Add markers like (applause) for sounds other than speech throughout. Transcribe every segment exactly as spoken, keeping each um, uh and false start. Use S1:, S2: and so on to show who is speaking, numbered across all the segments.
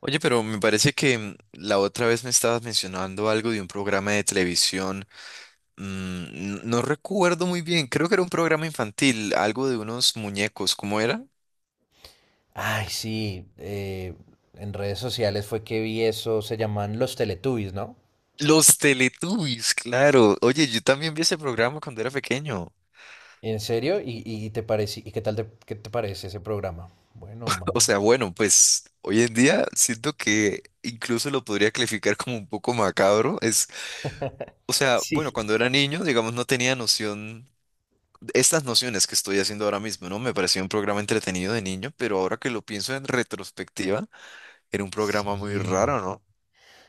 S1: Oye, pero me parece que mm, la otra vez me estabas mencionando algo de un programa de televisión. Mm, n- no recuerdo muy bien, creo que era un programa infantil, algo de unos muñecos, ¿cómo era?
S2: Ay, sí, eh, en redes sociales fue que vi eso, se llaman los Teletubbies, ¿no?
S1: Los Teletubbies, claro. Oye, yo también vi ese programa cuando era pequeño.
S2: ¿En serio? ¿Y, y te parece, y qué tal te, ¿qué te parece ese programa? Bueno o
S1: O
S2: malo.
S1: sea, bueno, pues hoy en día siento que incluso lo podría calificar como un poco macabro. Es, o sea, bueno,
S2: Sí.
S1: cuando era niño, digamos, no tenía noción estas nociones que estoy haciendo ahora mismo, ¿no? Me parecía un programa entretenido de niño, pero ahora que lo pienso en retrospectiva, era un programa muy
S2: Sí.
S1: raro, ¿no?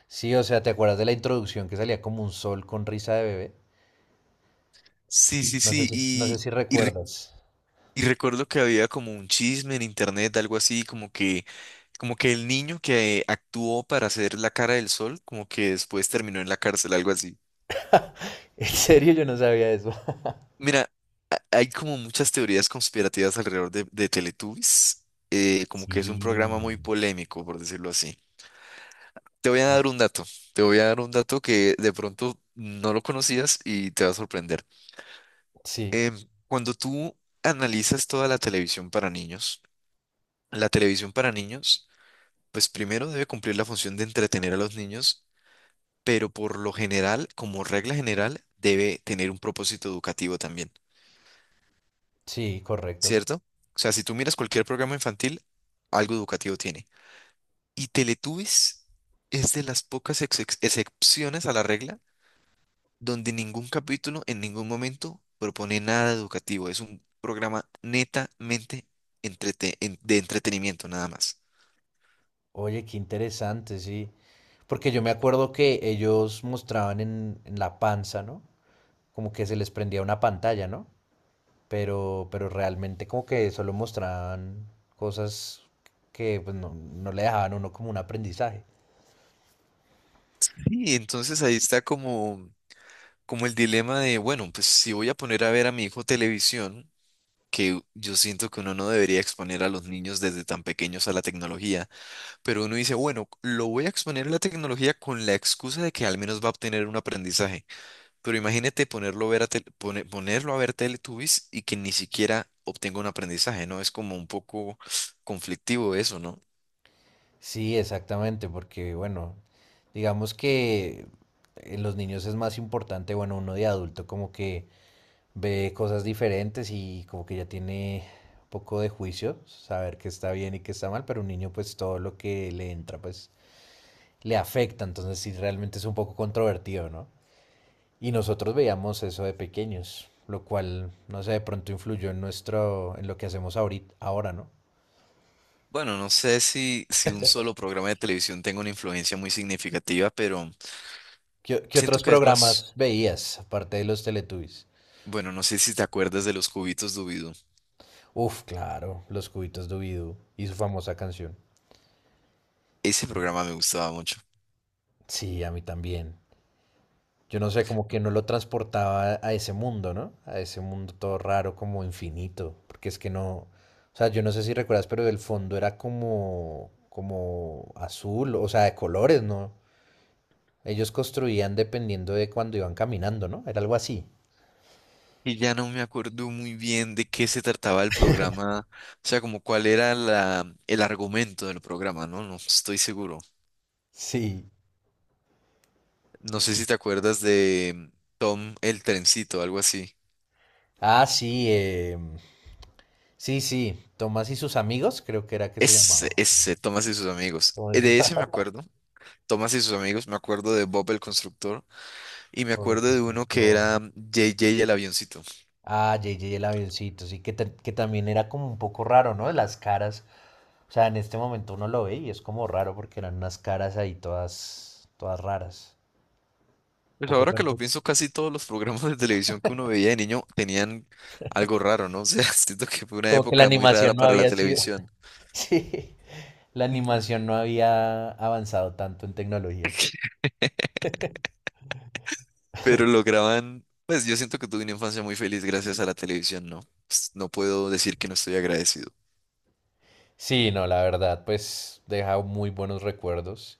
S2: Sí, o sea, ¿te acuerdas de la introducción que salía como un sol con risa de bebé?
S1: Sí, sí,
S2: No sé
S1: sí,
S2: si, no sé
S1: y,
S2: si
S1: y, re-
S2: recuerdas. (laughs)
S1: y recuerdo que había como un chisme en internet, algo así, como que, como que el niño que actuó para hacer la cara del sol, como que después terminó en la cárcel, algo así.
S2: En serio, yo no sabía eso.
S1: Mira, ha- hay como muchas teorías conspirativas alrededor de, de Teletubbies, eh, como que es un programa
S2: Sí.
S1: muy polémico, por decirlo así. Te voy a dar un dato, Te voy a dar un dato que de pronto no lo conocías y te va a sorprender.
S2: Sí,
S1: Cuando tú analizas toda la televisión para niños, la televisión para niños, pues primero debe cumplir la función de entretener a los niños, pero por lo general, como regla general, debe tener un propósito educativo también,
S2: sí, correcto.
S1: ¿cierto? O sea, si tú miras cualquier programa infantil, algo educativo tiene. Y Teletubbies es de las pocas ex- ex- excepciones a la regla donde ningún capítulo en ningún momento propone nada educativo. Es un programa netamente entrete- en- de entretenimiento, nada más.
S2: Oye, qué interesante, sí. Porque yo me acuerdo que ellos mostraban en, en la panza, ¿no? Como que se les prendía una pantalla, ¿no? Pero, pero realmente como que solo mostraban cosas que pues, no, no le dejaban a uno como un aprendizaje.
S1: Y entonces ahí está como, como el dilema de, bueno, pues si voy a poner a ver a mi hijo televisión, que yo siento que uno no debería exponer a los niños desde tan pequeños a la tecnología, pero uno dice, bueno, lo voy a exponer a la tecnología con la excusa de que al menos va a obtener un aprendizaje. Pero imagínate ponerlo a ver a tel- pone- ponerlo a ver Teletubbies y que ni siquiera obtenga un aprendizaje, ¿no? Es como un poco conflictivo eso, ¿no?
S2: Sí, exactamente, porque bueno, digamos que en los niños es más importante, bueno, uno de adulto como que ve cosas diferentes y como que ya tiene un poco de juicio, saber qué está bien y qué está mal, pero un niño pues todo lo que le entra pues le afecta, entonces sí realmente es un poco controvertido, ¿no? Y nosotros veíamos eso de pequeños, lo cual, no sé, de pronto influyó en nuestro, en lo que hacemos ahorita, ahora, ¿no?
S1: Bueno, no sé si, si un solo programa de televisión tenga una influencia muy significativa, pero
S2: ¿Qué, qué
S1: siento
S2: otros
S1: que es más,
S2: programas veías, aparte de los Teletubbies?
S1: bueno, no sé si te acuerdas de los cubitos Dubidú.
S2: Uf, claro, los cubitos Dubidú y su famosa canción.
S1: Ese programa me gustaba mucho.
S2: Sí, a mí también. Yo no sé, como que no lo transportaba a ese mundo, ¿no? A ese mundo todo raro, como infinito, porque es que no, o sea, yo no sé si recuerdas, pero el fondo era como, como azul, o sea, de colores, ¿no? Ellos construían dependiendo de cuando iban caminando, ¿no? Era algo así.
S1: Y ya no me acuerdo muy bien de qué se trataba el programa, o sea, como cuál era la, el argumento del programa, ¿no? No estoy seguro.
S2: Sí.
S1: No sé si te acuerdas de Tom el Trencito, algo así.
S2: Ah, sí, eh, sí, sí. Tomás y sus amigos, creo que era que se
S1: Ese,
S2: llamaba.
S1: ese, Thomas y sus amigos. Eh,
S2: Tomás y sus
S1: De ese me
S2: (laughs)
S1: acuerdo. Thomas y sus amigos, me acuerdo de Bob el Constructor y me
S2: amigos,
S1: acuerdo de uno que
S2: constructor.
S1: era J J el avioncito.
S2: Ah, J J el avioncito, sí, que, ta- que también era como un poco raro, ¿no? Las caras. O sea, en este momento uno lo ve y es como raro porque eran unas caras ahí todas, todas raras. Un
S1: Pues
S2: poco
S1: ahora que lo
S2: pertur-
S1: pienso, casi todos los programas de televisión que uno veía de niño tenían algo raro, ¿no? O sea, (laughs) siento que fue una
S2: Como que la
S1: época muy rara
S2: animación no
S1: para la
S2: había sido.
S1: televisión.
S2: (laughs) Sí, la animación no había avanzado tanto en tecnología.
S1: Pero lograban, pues yo siento que tuve una infancia muy feliz gracias a la televisión, ¿no? Pues, no puedo decir que no estoy agradecido.
S2: Sí, no, la verdad, pues deja muy buenos recuerdos.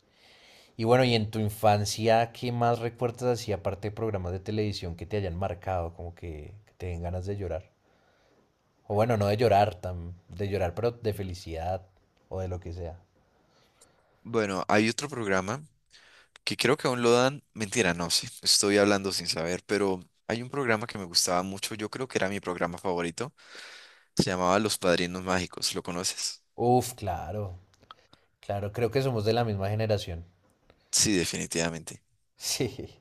S2: Y bueno, y en tu infancia, ¿qué más recuerdas así, aparte de programas de televisión que te hayan marcado, como que, que te den ganas de llorar? O bueno, no de llorar, tan, de llorar, pero de felicidad o de lo que sea.
S1: Bueno, hay otro programa que creo que aún lo dan, mentira, no, sí, estoy hablando sin saber, pero hay un programa que me gustaba mucho, yo creo que era mi programa favorito, se llamaba Los Padrinos Mágicos, ¿lo conoces?
S2: Uf, claro, claro, creo que somos de la misma generación. (laughs)
S1: Sí, definitivamente.
S2: Sí,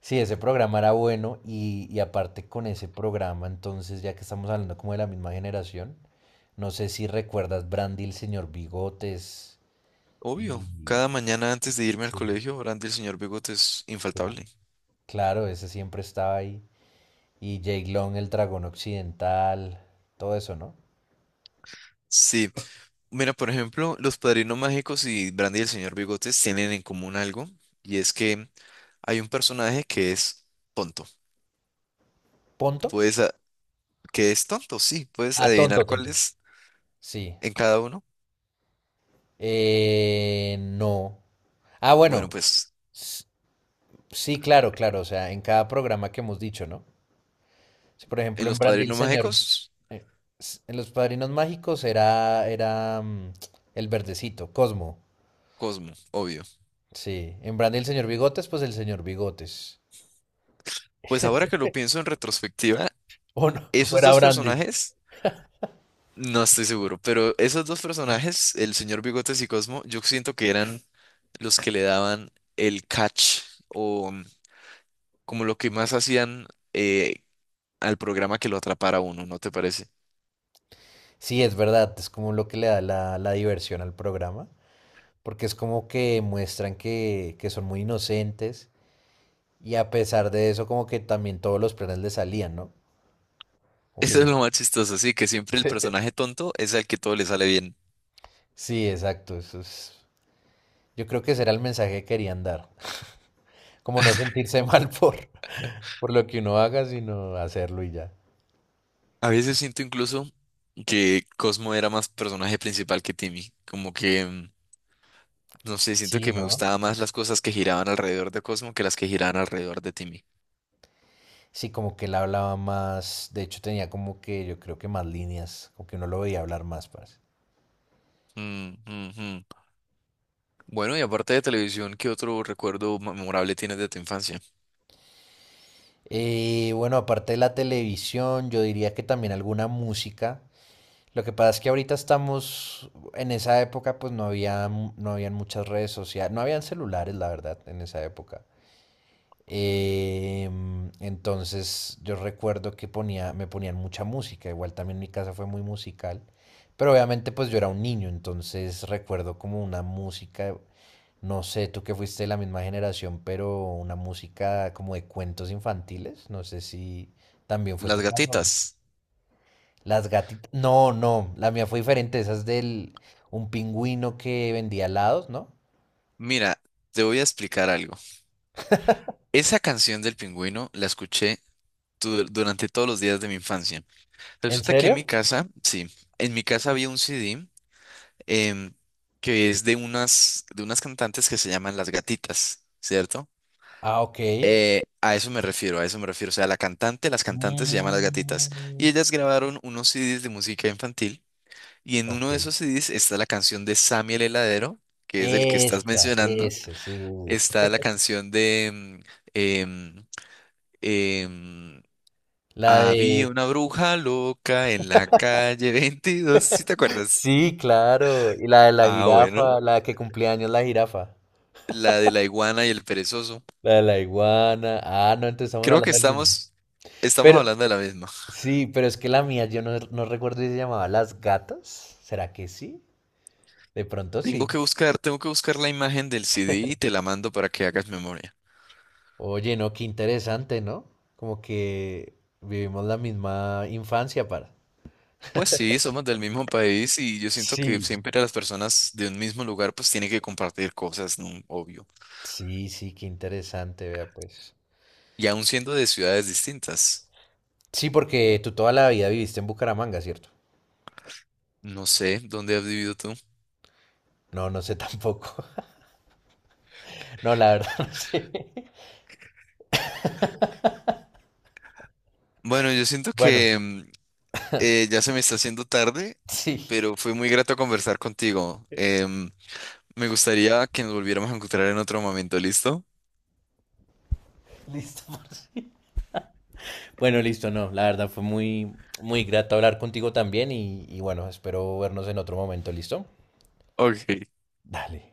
S2: sí, ese programa era bueno y, y aparte con ese programa, entonces ya que estamos hablando como de la misma generación, no sé si recuerdas Brandy, el señor Bigotes,
S1: Obvio,
S2: y
S1: cada mañana antes de irme al
S2: sí,
S1: colegio, Brandy el señor Bigote es
S2: cla-
S1: infaltable.
S2: claro, ese siempre estaba ahí. Y Jake Long, el dragón occidental, todo eso, ¿no?
S1: Sí, mira, por ejemplo, Los Padrinos Mágicos y Brandy y el señor Bigotes tienen en común algo, y es que hay un personaje que es tonto.
S2: ¿Ponto?
S1: Puedes, a- que es tonto, sí, puedes
S2: Ah, tonto,
S1: adivinar cuál
S2: tonto.
S1: es
S2: Sí.
S1: en cada uno.
S2: Eh, no. Ah,
S1: Bueno,
S2: bueno.
S1: pues
S2: s- Sí, claro, claro. O sea, en cada programa que hemos dicho, ¿no? Sí, por
S1: en
S2: ejemplo, en
S1: Los
S2: Brandy el
S1: Padrinos
S2: Señor,
S1: Mágicos,
S2: eh, s- en Los Padrinos Mágicos era, era mm, el verdecito, Cosmo.
S1: Cosmo, obvio.
S2: Sí. En Brandy el Señor Bigotes, pues el señor Bigotes.
S1: Pues ahora que lo pienso en retrospectiva,
S2: O no, (laughs) o
S1: esos
S2: era
S1: dos
S2: Brandy.
S1: personajes, no estoy seguro, pero esos dos personajes, el señor Bigotes y Cosmo, yo siento que eran los que le daban el catch o mm, como lo que más hacían eh, al programa que lo atrapara a uno, ¿no te parece?
S2: Sí, es verdad, es como lo que le da la, la diversión al programa, porque es como que muestran que, que son muy inocentes y a pesar de eso como que también todos los planes le salían, ¿no?
S1: (laughs)
S2: Como que
S1: Eso es
S2: yo-
S1: lo más chistoso, sí, que siempre el
S2: (laughs) Sí.
S1: personaje tonto es al que todo le sale bien.
S2: Sí, exacto, eso es... Yo creo que ese era el mensaje que querían dar, como no sentirse (laughs) mal por, por lo que uno haga, sino hacerlo y ya.
S1: A veces siento incluso que Cosmo era más personaje principal que Timmy, como que... mm, no sé, siento
S2: Sí,
S1: que me
S2: ¿no?
S1: gustaban más las cosas que giraban alrededor de Cosmo que las que giraban alrededor de Timmy.
S2: Sí, como que él hablaba más, de hecho tenía como que yo creo que más líneas, como que uno lo veía hablar más, parce.
S1: Mm, mm, mm. Bueno, y aparte de televisión, ¿qué otro recuerdo memorable tienes de tu infancia?
S2: Eh, bueno, aparte de la televisión, yo diría que también alguna música. Lo que pasa es que ahorita estamos, en esa época pues no había, mu- no habían muchas redes sociales, no habían celulares, la verdad, en esa época. Em, entonces yo recuerdo que ponía, me ponían mucha música, igual también mi casa fue muy musical, pero obviamente pues yo era un niño, entonces recuerdo como una música no sé, tú que fuiste de la misma generación, pero una música como de cuentos infantiles, no sé si también fue
S1: Las
S2: tu caso. ¿No?
S1: Gatitas.
S2: Las gatitas, no, no, la mía fue diferente, esa es del un pingüino que vendía helados, ¿no?
S1: Mira, te voy a explicar algo. Esa canción del pingüino la escuché tu- durante todos los días de mi infancia.
S2: ¿En
S1: Resulta que en
S2: serio?
S1: mi casa, sí, en mi casa había un C D em, que es de unas, de unas cantantes que se llaman Las Gatitas, ¿cierto?
S2: Ah, ok.
S1: Eh, a eso me refiero, a eso me refiero. O sea, la cantante, las cantantes se llaman Las Gatitas. Y
S2: Mm,
S1: ellas grabaron unos C Ds de música infantil. Y en
S2: ok.
S1: uno de esos C Ds está la canción de Sammy el Heladero, que es el que estás
S2: Esta,
S1: mencionando.
S2: ese, sí. Sí, sí.
S1: Está la canción de... mm, em, em,
S2: La
S1: Había
S2: de...
S1: una bruja loca en la calle veintidós. ¿Sí te acuerdas?
S2: Sí, claro. Y la de la
S1: Ah, bueno.
S2: jirafa, la que cumplía años la jirafa.
S1: La de la iguana y el perezoso.
S2: La de la iguana. Ah, no, entonces estamos
S1: Creo que
S2: hablando del mismo.
S1: estamos, estamos
S2: Pero,
S1: hablando de la misma.
S2: sí, pero es que la mía, yo no, no recuerdo si se llamaba Las Gatas. ¿Será que sí? De pronto
S1: Tengo
S2: sí.
S1: que buscar, tengo que buscar la imagen del C D y te la mando para que hagas memoria.
S2: Oye, no, qué interesante, ¿no? Como que vivimos la misma infancia para.
S1: Pues sí, somos del mismo país y yo siento que
S2: Sí.
S1: siempre las personas de un mismo lugar pues tienen que compartir cosas, ¿no? Obvio.
S2: Sí, sí, qué interesante, vea pues.
S1: Y aún siendo de ciudades distintas.
S2: Sí, porque tú toda la vida viviste en Bucaramanga, ¿cierto?
S1: No sé, ¿dónde has vivido tú?
S2: No, no sé tampoco. (laughs) No, la verdad no sé. (laughs)
S1: Bueno, yo siento
S2: Bueno,
S1: que mm, eh, ya se me está haciendo tarde,
S2: sí,
S1: pero fue muy grato conversar contigo. Em, me gustaría que nos volviéramos a encontrar en otro momento, ¿listo?
S2: (laughs) listo. Marci. Bueno, listo, no, la verdad fue muy, muy grato hablar contigo también y, y bueno, espero vernos en otro momento, ¿listo?
S1: Ok.
S2: Dale.